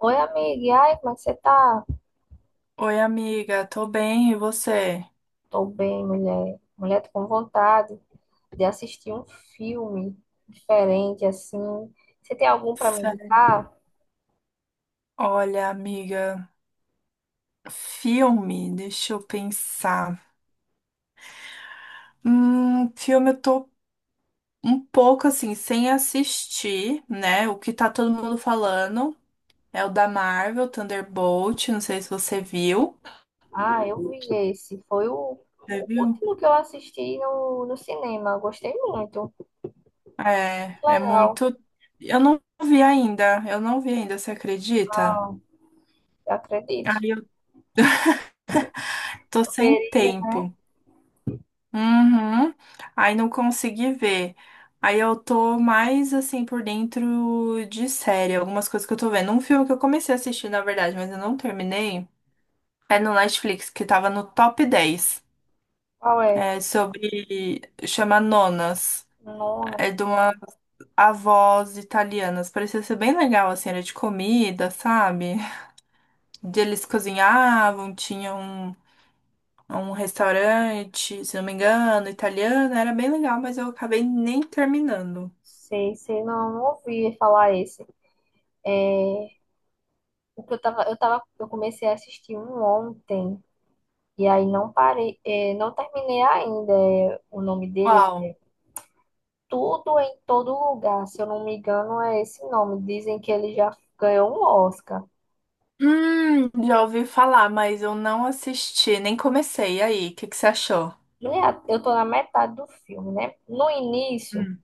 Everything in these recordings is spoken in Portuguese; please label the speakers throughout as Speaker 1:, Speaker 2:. Speaker 1: Oi, amiga. E aí, como é que você tá?
Speaker 2: Oi, amiga, tô bem, e você?
Speaker 1: Tô bem, mulher. Mulher, tô com vontade de assistir um filme diferente, assim. Você tem algum pra me
Speaker 2: Sé-
Speaker 1: indicar?
Speaker 2: Olha, amiga, filme, deixa eu pensar. Filme eu tô um pouco assim, sem assistir, né? O que tá todo mundo falando é o da Marvel, Thunderbolt, não sei se você viu.
Speaker 1: Ah, eu vi esse. Foi
Speaker 2: Você
Speaker 1: o
Speaker 2: viu?
Speaker 1: último que eu assisti no cinema. Gostei muito.
Speaker 2: É,
Speaker 1: Que
Speaker 2: é
Speaker 1: legal.
Speaker 2: muito. Eu não vi ainda, eu não vi ainda, você acredita?
Speaker 1: Ah, eu acredito.
Speaker 2: Aí eu tô
Speaker 1: Eu
Speaker 2: sem
Speaker 1: queria.
Speaker 2: tempo. Uhum. Aí não consegui ver. Aí eu tô mais assim por dentro de série, algumas coisas que eu tô vendo. Um filme que eu comecei a assistir, na verdade, mas eu não terminei. É no Netflix, que tava no top 10.
Speaker 1: Qual é?
Speaker 2: É sobre. Chama Nonas.
Speaker 1: Não, não
Speaker 2: É de uma avós italianas. Parecia ser bem legal, assim, era de comida, sabe? De Eles cozinhavam, tinham um um restaurante, se não me engano, italiano. Era bem legal, mas eu acabei nem terminando.
Speaker 1: sei, sei. Não, não ouvi falar esse. O que eu tava, eu comecei a assistir um ontem. E aí não parei, não terminei ainda. O nome dele
Speaker 2: Uau.
Speaker 1: é Tudo em Todo Lugar, se eu não me engano, é esse nome. Dizem que ele já ganhou um Oscar.
Speaker 2: Já ouvi falar, mas eu não assisti, nem comecei. E aí, o que que você achou?
Speaker 1: Mulher, eu tô na metade do filme, né? No início,
Speaker 2: Hum.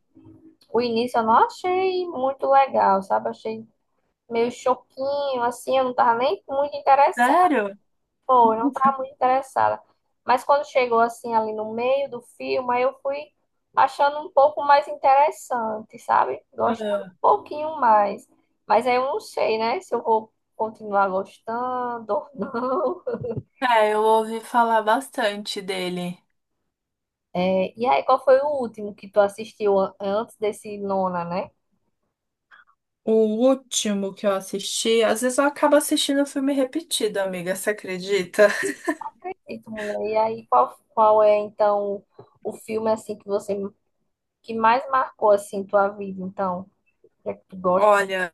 Speaker 1: o início eu não achei muito legal, sabe? Achei meio choquinho, assim, eu não tava nem muito interessada.
Speaker 2: Sério?
Speaker 1: Pô, eu não estava muito interessada. Mas quando chegou assim ali no meio do filme, aí eu fui achando um pouco mais interessante, sabe? Gostando um
Speaker 2: Ah,
Speaker 1: pouquinho mais. Mas aí eu não sei, né? Se eu vou continuar gostando ou não.
Speaker 2: é, eu ouvi falar bastante dele.
Speaker 1: É, e aí, qual foi o último que tu assistiu antes desse Nona, né?
Speaker 2: O último que eu assisti, às vezes eu acabo assistindo filme repetido, amiga, você acredita?
Speaker 1: E tu, mulher, e aí qual é então o filme assim que você que mais marcou assim tua vida, então? O que é que tu gosta?
Speaker 2: Olha,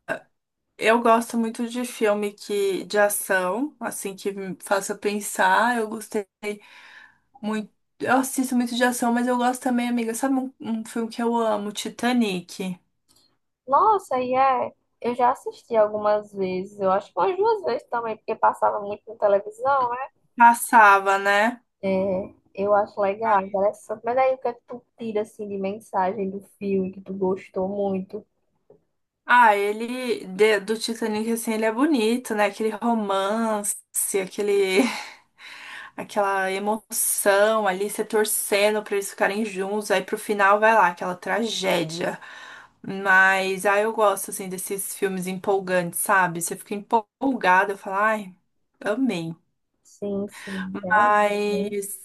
Speaker 2: eu gosto muito de filme que de ação, assim que me faça pensar. Eu gostei muito, eu assisto muito de ação, mas eu gosto também, amiga, sabe um filme que eu amo, Titanic.
Speaker 1: Nossa, e é. Eu já assisti algumas vezes, eu acho que umas duas vezes também, porque passava muito na televisão, né?
Speaker 2: Passava, né?
Speaker 1: É, eu acho legal, interessante. Mas aí o que é que tu tira assim de mensagem do filme que tu gostou muito?
Speaker 2: Ah, ele do Titanic assim, ele é bonito, né? Aquele romance, aquele aquela emoção ali, você torcendo pra eles ficarem juntos, aí pro final vai lá aquela tragédia. Mas ah, eu gosto assim desses filmes empolgantes, sabe? Você fica empolgada, eu falo, ai, amei.
Speaker 1: Sim, sim, realmente, né?
Speaker 2: Mas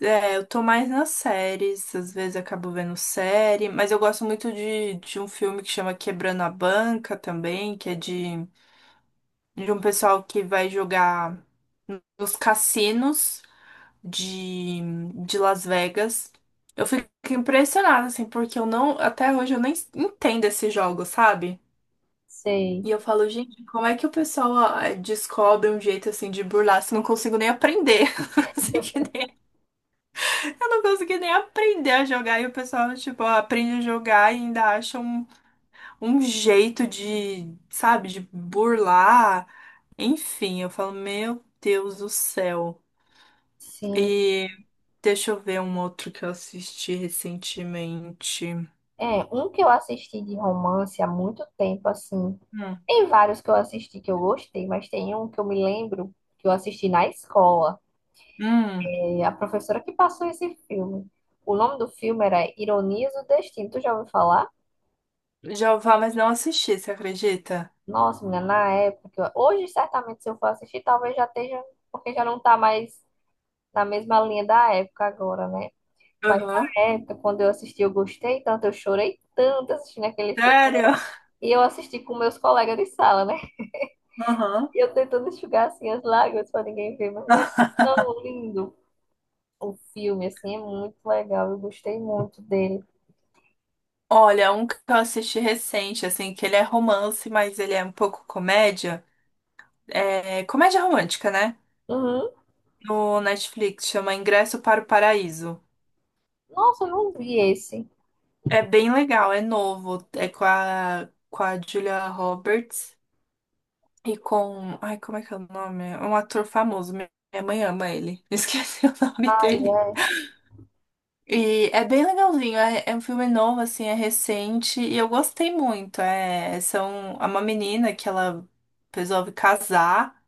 Speaker 2: é, eu tô mais nas séries, às vezes acabo vendo série, mas eu gosto muito de um filme que chama Quebrando a Banca também, de um pessoal que vai jogar nos cassinos de, de Las Vegas. Eu fico impressionada, assim, porque eu não, até hoje eu nem entendo esse jogo, sabe?
Speaker 1: Sei,
Speaker 2: E eu falo, gente, como é que o pessoal descobre um jeito assim de burlar se eu não consigo nem aprender? Eu não consegui nem aprender a jogar e o pessoal, tipo, aprende a jogar e ainda acha um jeito de, sabe, de burlar. Enfim, eu falo, meu Deus do céu.
Speaker 1: sim.
Speaker 2: E deixa eu ver um outro que eu assisti recentemente.
Speaker 1: É, um que eu assisti de romance há muito tempo, assim.
Speaker 2: Hum,
Speaker 1: Tem vários que eu assisti que eu gostei, mas tem um que eu me lembro que eu assisti na escola.
Speaker 2: hum,
Speaker 1: A professora que passou esse filme. O nome do filme era Ironias do Destino. Tu já ouviu falar?
Speaker 2: já ouvi falar, mas não assisti, você acredita?
Speaker 1: Nossa, menina, na época. Hoje, certamente, se eu for assistir, talvez já esteja, porque já não tá mais na mesma linha da época agora, né? Mas
Speaker 2: Aham.
Speaker 1: na época, quando eu assisti, eu gostei tanto, eu chorei tanto assistindo aquele filme.
Speaker 2: Sério?
Speaker 1: E eu assisti com meus colegas de sala, né?
Speaker 2: Aham.
Speaker 1: E eu tentando enxugar assim as lágrimas para ninguém ver, mas é tão lindo. O filme, assim, é muito legal. Eu gostei muito dele.
Speaker 2: Olha, um que eu assisti recente, assim, que ele é romance, mas ele é um pouco comédia. É comédia romântica, né?
Speaker 1: Uhum.
Speaker 2: No Netflix, chama Ingresso para o Paraíso.
Speaker 1: Nossa, eu não vi esse.
Speaker 2: É bem legal, é novo, é com a Julia Roberts e com, ai, como é que é o nome? É um ator famoso, minha mãe ama ele, esqueci o nome dele. E é bem legalzinho, é um filme novo, assim, é recente e eu gostei muito. É uma menina que ela resolve casar.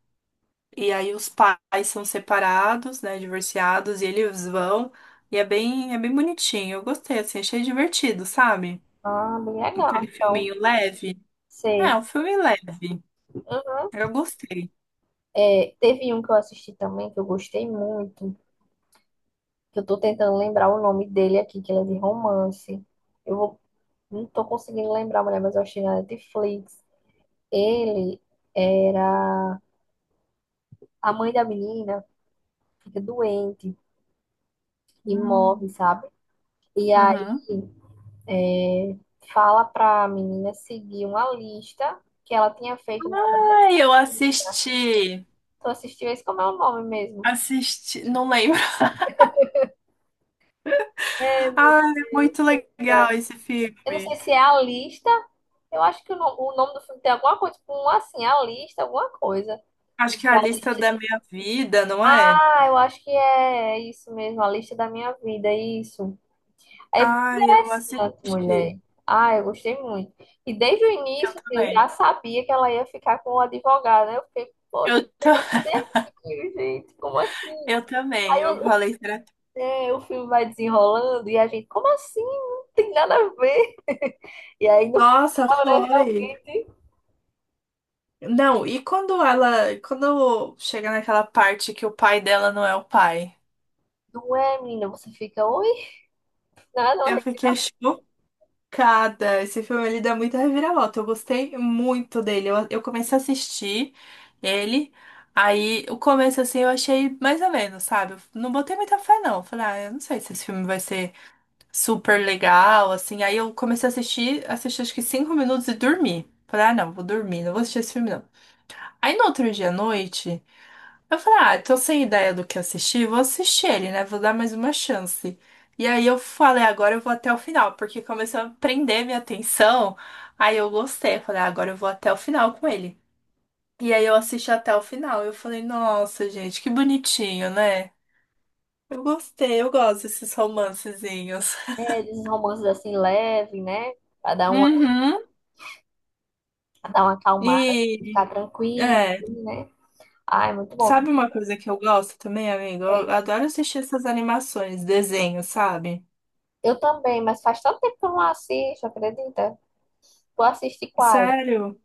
Speaker 2: E aí os pais são separados, né, divorciados, e eles vão. E é bem bonitinho. Eu gostei, assim, achei divertido, sabe?
Speaker 1: Ah, bem
Speaker 2: Aquele
Speaker 1: legal. Então,
Speaker 2: filminho leve. É,
Speaker 1: sei.
Speaker 2: um filme leve. Eu gostei.
Speaker 1: É, teve um que eu assisti também que eu gostei muito, que eu tô tentando lembrar o nome dele aqui, que ele é de romance. Eu vou, não tô conseguindo lembrar, mulher, mas eu achei na Netflix. Ele era a mãe da menina, fica doente e morre,
Speaker 2: Hum.
Speaker 1: sabe? E aí
Speaker 2: Uhum.
Speaker 1: fala pra menina seguir uma lista que ela tinha feito na adolescência.
Speaker 2: Aí eu assisti.
Speaker 1: Tu assistiu esse? Como é o nome mesmo?
Speaker 2: Assisti, não lembro.
Speaker 1: É,
Speaker 2: Ah, é muito legal esse
Speaker 1: eu não
Speaker 2: filme.
Speaker 1: sei se é a lista. Eu acho que o, no- o nome do filme tem alguma coisa, tipo, um, assim, a lista, alguma coisa.
Speaker 2: Acho que é
Speaker 1: É
Speaker 2: a lista da minha vida, não é?
Speaker 1: Ah, eu acho que é isso mesmo, a lista da minha vida, isso. É bem
Speaker 2: Ah, eu
Speaker 1: interessante,
Speaker 2: assisti.
Speaker 1: mulher. Ah, eu gostei muito. E desde o
Speaker 2: Eu
Speaker 1: início, assim, eu
Speaker 2: também.
Speaker 1: já sabia que ela ia ficar com o advogado, né? Eu fiquei, poxa,
Speaker 2: Eu,
Speaker 1: pegar
Speaker 2: ta-
Speaker 1: certinho, gente, como assim?
Speaker 2: eu também.
Speaker 1: Aí
Speaker 2: Eu
Speaker 1: o fi-
Speaker 2: falei, será
Speaker 1: é, o filme vai desenrolando e a gente, como assim? Não tem nada a ver. E aí no
Speaker 2: nossa,
Speaker 1: final, né,
Speaker 2: foi.
Speaker 1: realmente,
Speaker 2: Não, e quando ela, quando chega naquela parte que o pai dela não é o pai?
Speaker 1: não é, menina, você fica, oi? Nada
Speaker 2: Eu
Speaker 1: horrível.
Speaker 2: fiquei chocada. Esse filme ele dá muita reviravolta. Eu gostei muito dele. Eu comecei a assistir ele. Aí o começo assim eu achei mais ou menos, sabe? Eu não botei muita fé não. Falei, ah, eu não sei se esse filme vai ser super legal, assim. Aí eu comecei a assistir, assisti acho que 5 minutos e dormi. Falei, ah, não, vou dormir, não vou assistir esse filme não. Aí no outro dia à noite eu falei, ah, tô sem ideia do que assistir, vou assistir ele, né? Vou dar mais uma chance. E aí eu falei, agora eu vou até o final, porque começou a prender minha atenção. Aí eu gostei, falei, ah, agora eu vou até o final com ele. E aí eu assisti até o final. Eu falei, nossa, gente, que bonitinho, né? Eu gostei, eu gosto desses romancezinhos.
Speaker 1: É, esses romances assim leve, né? Pra dar uma,
Speaker 2: Uhum.
Speaker 1: pra dar uma acalmada,
Speaker 2: E,
Speaker 1: ficar tranquilo,
Speaker 2: é,
Speaker 1: né? Ai, muito bom.
Speaker 2: sabe uma coisa que eu gosto também, amigo? Eu
Speaker 1: É.
Speaker 2: adoro assistir essas animações, desenhos, sabe?
Speaker 1: Eu também, mas faz tanto tempo que eu não assisto, acredita? Tu assiste quais?
Speaker 2: Sério?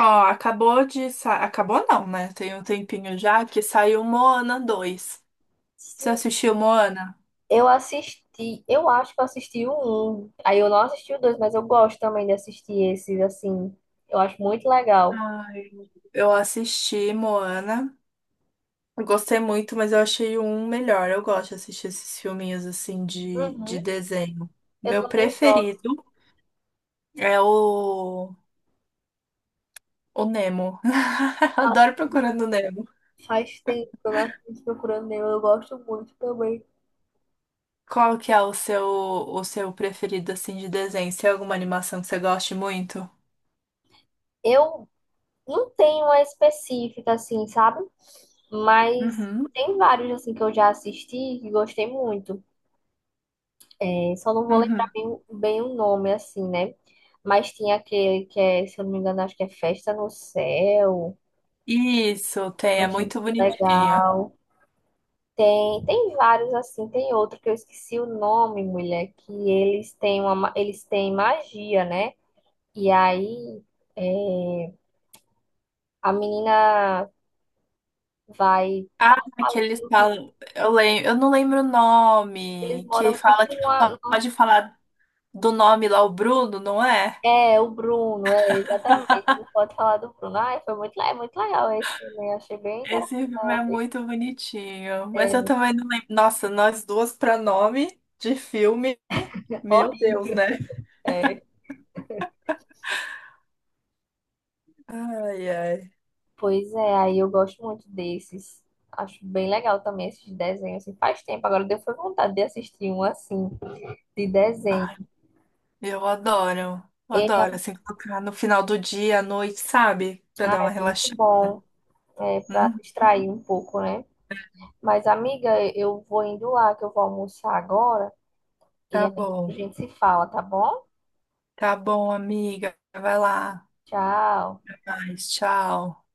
Speaker 2: Ó, acabou de sa... Acabou não, né? Tem um tempinho já que saiu Moana 2. Você
Speaker 1: Sim.
Speaker 2: assistiu Moana?
Speaker 1: Eu assisti, eu acho que eu assisti o um. Aí eu não assisti o dois, mas eu gosto também de assistir esses, assim. Eu acho muito legal.
Speaker 2: Ai, eu assisti Moana. Eu gostei muito, mas eu achei o um melhor. Eu gosto de assistir esses filminhos assim de
Speaker 1: Uhum.
Speaker 2: desenho.
Speaker 1: Eu
Speaker 2: Meu
Speaker 1: também gosto.
Speaker 2: preferido é o Nemo.
Speaker 1: Ah,
Speaker 2: Adoro procurando o Nemo.
Speaker 1: faz tempo que eu não assisto Procurando Nemo, eu gosto muito também.
Speaker 2: Qual que é o seu preferido assim de desenho? Se tem alguma animação que você goste muito?
Speaker 1: Eu não tem uma específica, assim, sabe? Mas
Speaker 2: Uhum,
Speaker 1: tem vários, assim, que eu já assisti e gostei muito. É, só não vou lembrar
Speaker 2: uhum.
Speaker 1: bem, bem o nome, assim, né? Mas tinha aquele que é, se eu não me engano, acho que é Festa no Céu.
Speaker 2: Isso, tem,
Speaker 1: Eu
Speaker 2: é
Speaker 1: achei
Speaker 2: muito bonitinho.
Speaker 1: legal. Tem, tem vários, assim. Tem outro que eu esqueci o nome, mulher, que eles têm eles têm magia, né? E aí, é, a menina vai
Speaker 2: Ah, que
Speaker 1: ali
Speaker 2: eles
Speaker 1: pelo rio,
Speaker 2: falam, eu lembro, eu não lembro o
Speaker 1: eles
Speaker 2: nome, que
Speaker 1: moram tipo
Speaker 2: fala que não
Speaker 1: numa,
Speaker 2: pode falar do nome lá, o Bruno, não é?
Speaker 1: é, o Bruno, é, exatamente. Não pode falar do Bruno. Ai, foi é muito legal esse também. Achei bem
Speaker 2: Esse filme é
Speaker 1: interessante.
Speaker 2: muito bonitinho, mas eu também não lembro. Nossa, nós duas pra nome de filme,
Speaker 1: É
Speaker 2: meu Deus,
Speaker 1: horrível.
Speaker 2: né?
Speaker 1: É.
Speaker 2: Ai, ai.
Speaker 1: Pois é, aí eu gosto muito desses. Acho bem legal também esses desenhos. Assim, faz tempo, agora deu foi vontade de assistir um assim, de desenho.
Speaker 2: Ai, eu adoro, eu
Speaker 1: É,
Speaker 2: adoro, assim, colocar no final do dia, à noite, sabe? Pra
Speaker 1: ah,
Speaker 2: dar uma
Speaker 1: é muito
Speaker 2: relaxada.
Speaker 1: bom, é, para
Speaker 2: Hum,
Speaker 1: distrair um pouco, né? Mas, amiga, eu vou indo lá, que eu vou almoçar agora. E
Speaker 2: tá
Speaker 1: aí a
Speaker 2: bom,
Speaker 1: gente se fala, tá bom?
Speaker 2: tá bom, amiga, vai lá.
Speaker 1: Tchau.
Speaker 2: Até mais. Tchau.